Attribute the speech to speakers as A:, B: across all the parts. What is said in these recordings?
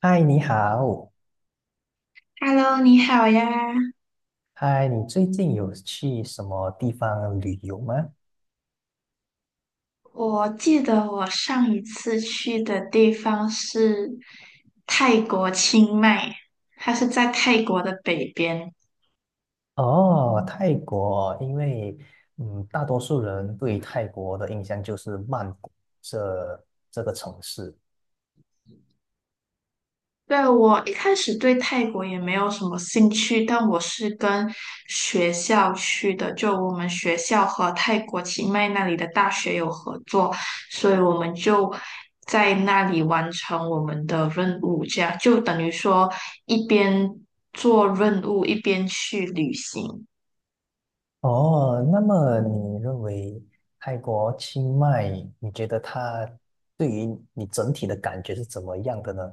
A: 嗨，你好。
B: Hello，你好呀！
A: 嗨，你最近有去什么地方旅游吗？
B: 我记得我上一次去的地方是泰国清迈，它是在泰国的北边。
A: 哦，泰国，因为大多数人对泰国的印象就是曼谷这个城市。
B: 对，我一开始对泰国也没有什么兴趣，但我是跟学校去的，就我们学校和泰国清迈那里的大学有合作，所以我们就在那里完成我们的任务，这样就等于说一边做任务一边去旅行。
A: 哦，那么你认为泰国清迈，你觉得它对于你整体的感觉是怎么样的呢？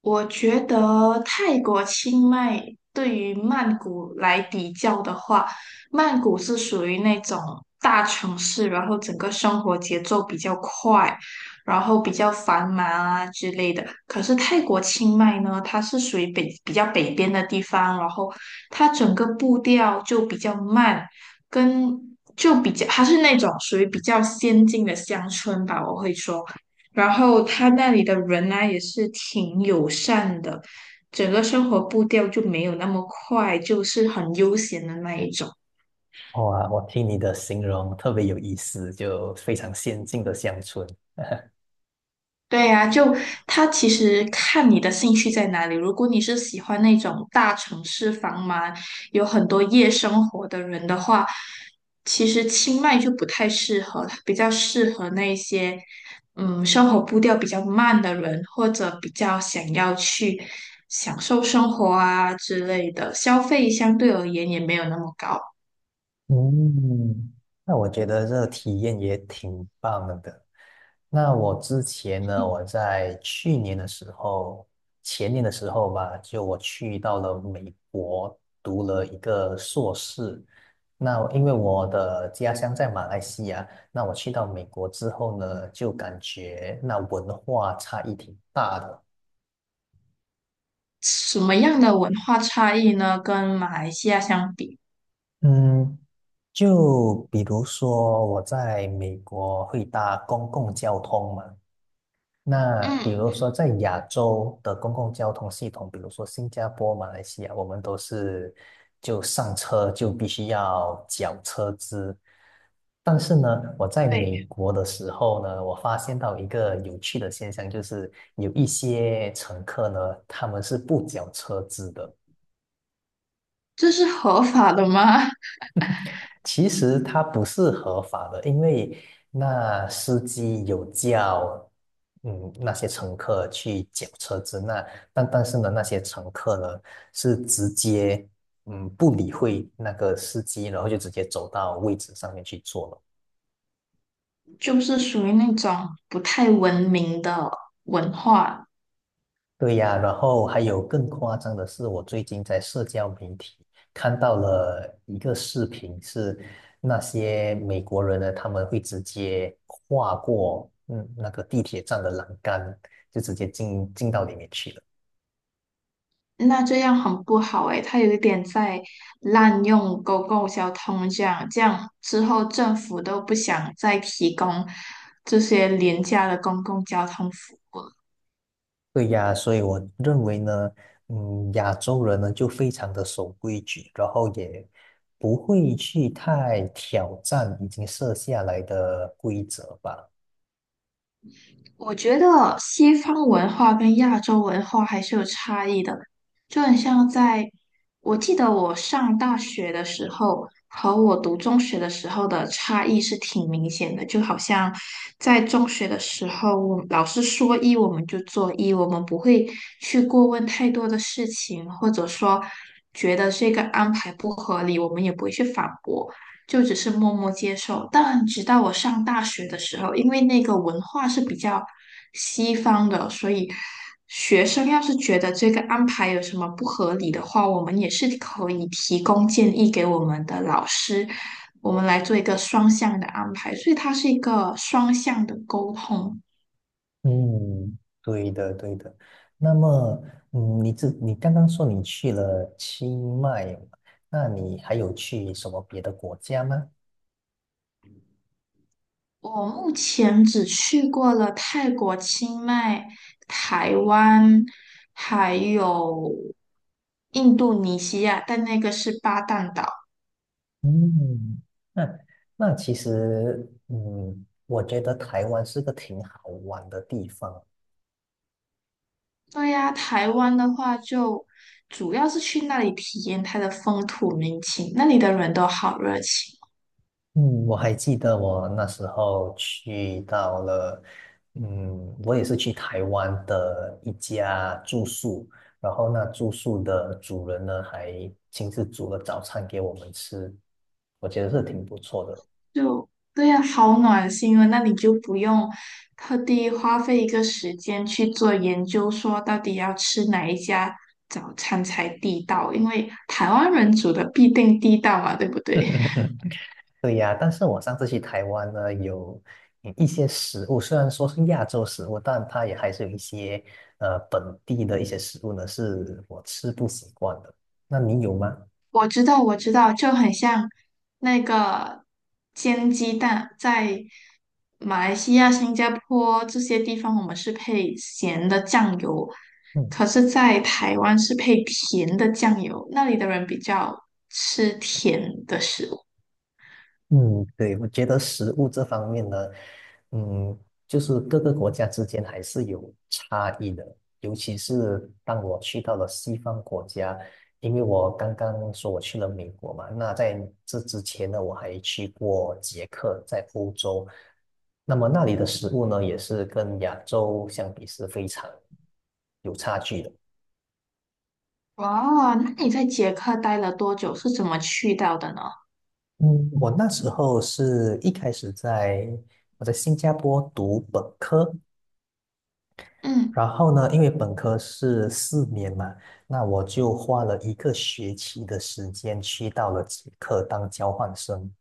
B: 我觉得泰国清迈对于曼谷来比较的话，曼谷是属于那种大城市，然后整个生活节奏比较快，然后比较繁忙啊之类的。可是泰国清迈呢，它是属于北比较北边的地方，然后它整个步调就比较慢，跟就比较它是那种属于比较先进的乡村吧，我会说。然后他那里的人呢也是挺友善的，整个生活步调就没有那么快，就是很悠闲的那一种。
A: 哇，我听你的形容特别有意思，就非常先进的乡村。
B: 对呀，就他其实看你的兴趣在哪里。如果你是喜欢那种大城市繁忙、有很多夜生活的人的话，其实清迈就不太适合，它比较适合那些生活步调比较慢的人，或者比较想要去享受生活啊之类的，消费相对而言也没有那么高。
A: 嗯，那我觉得这个体验也挺棒的。那我之前呢，我在去年的时候，前年的时候吧，就我去到了美国读了一个硕士。那因为我的家乡在马来西亚，那我去到美国之后呢，就感觉那文化差异挺大的。
B: 什么样的文化差异呢？跟马来西亚相比，
A: 嗯，就比如说我在美国会搭公共交通嘛。那比如
B: 嗯，
A: 说，在亚洲的公共交通系统，比如说新加坡、马来西亚，我们都是就上车就必须要缴车资。但是呢，我在
B: 对，
A: 美国的时候呢，我发现到一个有趣的现象，就是有一些乘客呢，他们是不缴车资的。
B: 这是合法的吗？
A: 其实它不是合法的，因为那司机有叫，那些乘客去缴车子，那但是呢，那些乘客呢是直接，不理会那个司机，然后就直接走到位置上面去坐了。
B: 就是属于那种不太文明的文化，
A: 对呀，然后还有更夸张的是，我最近在社交媒体看到了一个视频，是那些美国人呢，他们会直接跨过那个地铁站的栏杆，就直接进到里面去了。
B: 那这样很不好诶，它有一点在滥用公共交通这样，这样之后政府都不想再提供这些廉价的公共交通服务。
A: 对呀，所以我认为呢，嗯，亚洲人呢就非常的守规矩，然后也不会去太挑战已经设下来的规则吧。
B: 我觉得西方文化跟亚洲文化还是有差异的，就很像在，我记得我上大学的时候和我读中学的时候的差异是挺明显的，就好像在中学的时候，我们老师说一我们就做一，我们不会去过问太多的事情，或者说觉得这个安排不合理，我们也不会去反驳。就只是默默接受。但直到我上大学的时候，因为那个文化是比较西方的，所以学生要是觉得这个安排有什么不合理的话，我们也是可以提供建议给我们的老师，我们来做一个双向的安排。所以它是一个双向的沟通。
A: 嗯，对的，对的。那么，嗯，你刚刚说你去了清迈嘛，那你还有去什么别的国家吗？
B: 我目前只去过了泰国、清迈、台湾，还有印度尼西亚，但那个是巴淡岛。
A: 嗯，那那其实，嗯，我觉得台湾是个挺好玩的地方。
B: 对呀，台湾的话就主要是去那里体验它的风土民情，那里的人都好热情。
A: 嗯，我还记得我那时候去到了，嗯，我也是去台湾的一家住宿，然后那住宿的主人呢还亲自煮了早餐给我们吃，我觉得是挺不错的。
B: 就对呀，好暖心啊！那你就不用特地花费一个时间去做研究，说到底要吃哪一家早餐才地道，因为台湾人煮的必定地道嘛，对不对？
A: 对呀，但是我上次去台湾呢，有一些食物，虽然说是亚洲食物，但它也还是有一些本地的一些食物呢，是我吃不习惯的。那你有吗？
B: 我知道，我知道，就很像那个煎鸡蛋，在马来西亚、新加坡这些地方，我们是配咸的酱油，
A: 嗯。
B: 可是，在台湾是配甜的酱油，那里的人比较吃甜的食物。
A: 嗯，对，我觉得食物这方面呢，嗯，就是各个国家之间还是有差异的，尤其是当我去到了西方国家，因为我刚刚说我去了美国嘛，那在这之前呢，我还去过捷克，在欧洲，那么那里的食物呢，也是跟亚洲相比是非常有差距的。
B: 哇，那你在捷克待了多久？是怎么去到的呢？
A: 嗯，我那时候是一开始在我在新加坡读本科，
B: 嗯，
A: 然后呢，因为本科是四年嘛，那我就花了一个学期的时间去到了捷克当交换生。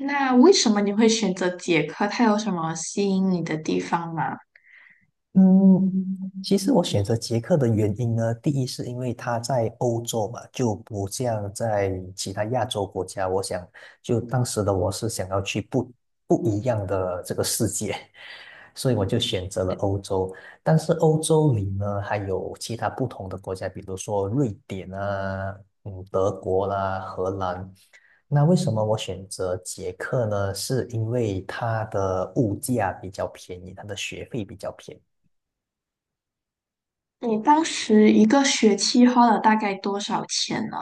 B: 那为什么你会选择捷克？它有什么吸引你的地方吗？
A: 嗯，其实我选择捷克的原因呢，第一是因为它在欧洲嘛，就不像在其他亚洲国家。我想，就当时的我是想要去不一样的这个世界，所以我就选择了欧洲。但是欧洲里呢，还有其他不同的国家，比如说瑞典啊，嗯，德国啦，荷兰。那为什么我选择捷克呢？是因为它的物价比较便宜，它的学费比较便宜。
B: 你当时一个学期花了大概多少钱呢？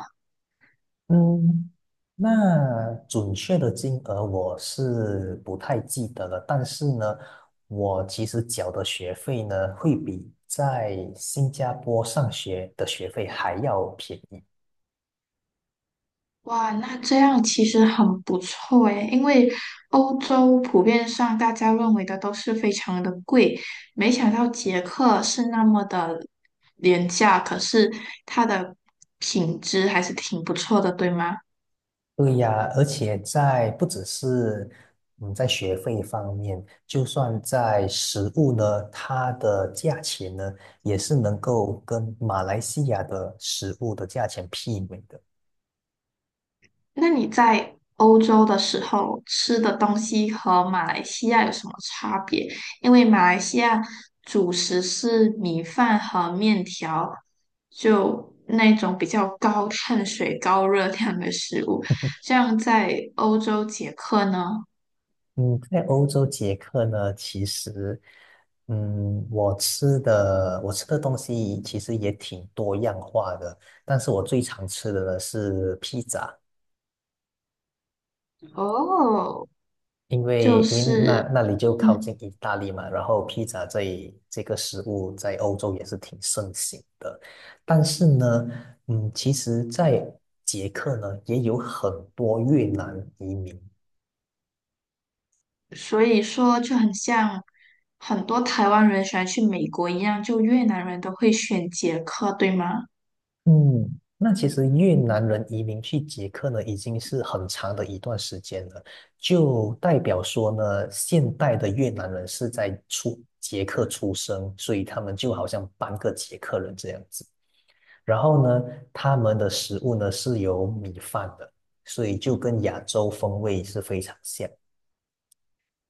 A: 嗯，那准确的金额我是不太记得了，但是呢，我其实缴的学费呢，会比在新加坡上学的学费还要便宜。
B: 哇，那这样其实很不错诶，因为欧洲普遍上大家认为的都是非常的贵，没想到捷克是那么的廉价，可是它的品质还是挺不错的，对吗？
A: 对呀，而且不只是嗯在学费方面，就算在食物呢，它的价钱呢，也是能够跟马来西亚的食物的价钱媲美的。
B: 那你在欧洲的时候吃的东西和马来西亚有什么差别？因为马来西亚主食是米饭和面条，就那种比较高碳水、高热量的食物。像在欧洲捷克呢，
A: 嗯，在欧洲捷克呢，其实，嗯，我吃的东西其实也挺多样化的，但是我最常吃的呢是披萨，
B: 哦，就
A: 因为
B: 是
A: 那里就靠
B: 嗯，
A: 近意大利嘛，然后披萨这个食物在欧洲也是挺盛行的，但是呢，嗯，其实，在捷克呢也有很多越南移民。
B: 所以说就很像很多台湾人喜欢去美国一样，就越南人都会选捷克，对吗？
A: 嗯，那其实越南人移民去捷克呢，已经是很长的一段时间了，就代表说呢，现代的越南人是在捷克出生，所以他们就好像半个捷克人这样子。然后呢，他们的食物呢是有米饭的，所以就跟亚洲风味是非常像。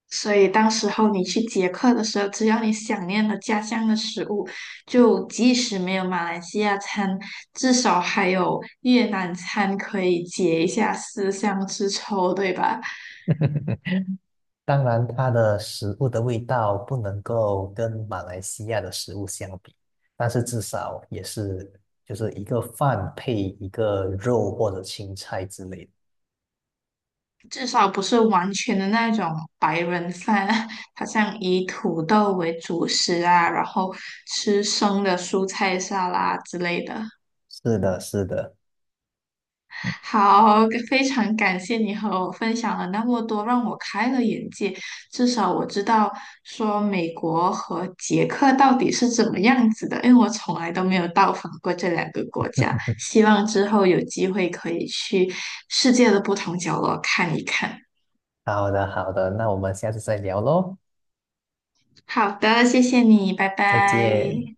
B: 所以当时候你去捷克的时候，只要你想念了家乡的食物，就即使没有马来西亚餐，至少还有越南餐可以解一下思乡之愁，对吧？
A: 当然，它的食物的味道不能够跟马来西亚的食物相比，但是至少也是就是一个饭配一个肉或者青菜之类的。
B: 至少不是完全的那种白人饭，好像以土豆为主食啊，然后吃生的蔬菜沙拉之类的。
A: 是的，是的。
B: 好，非常感谢你和我分享了那么多，让我开了眼界。至少我知道说美国和捷克到底是怎么样子的，因为我从来都没有到访过这两个国家。希望之后有机会可以去世界的不同角落看一看。
A: 好的，好的，那我们下次再聊喽，
B: 好的，谢谢你，拜
A: 再见。
B: 拜。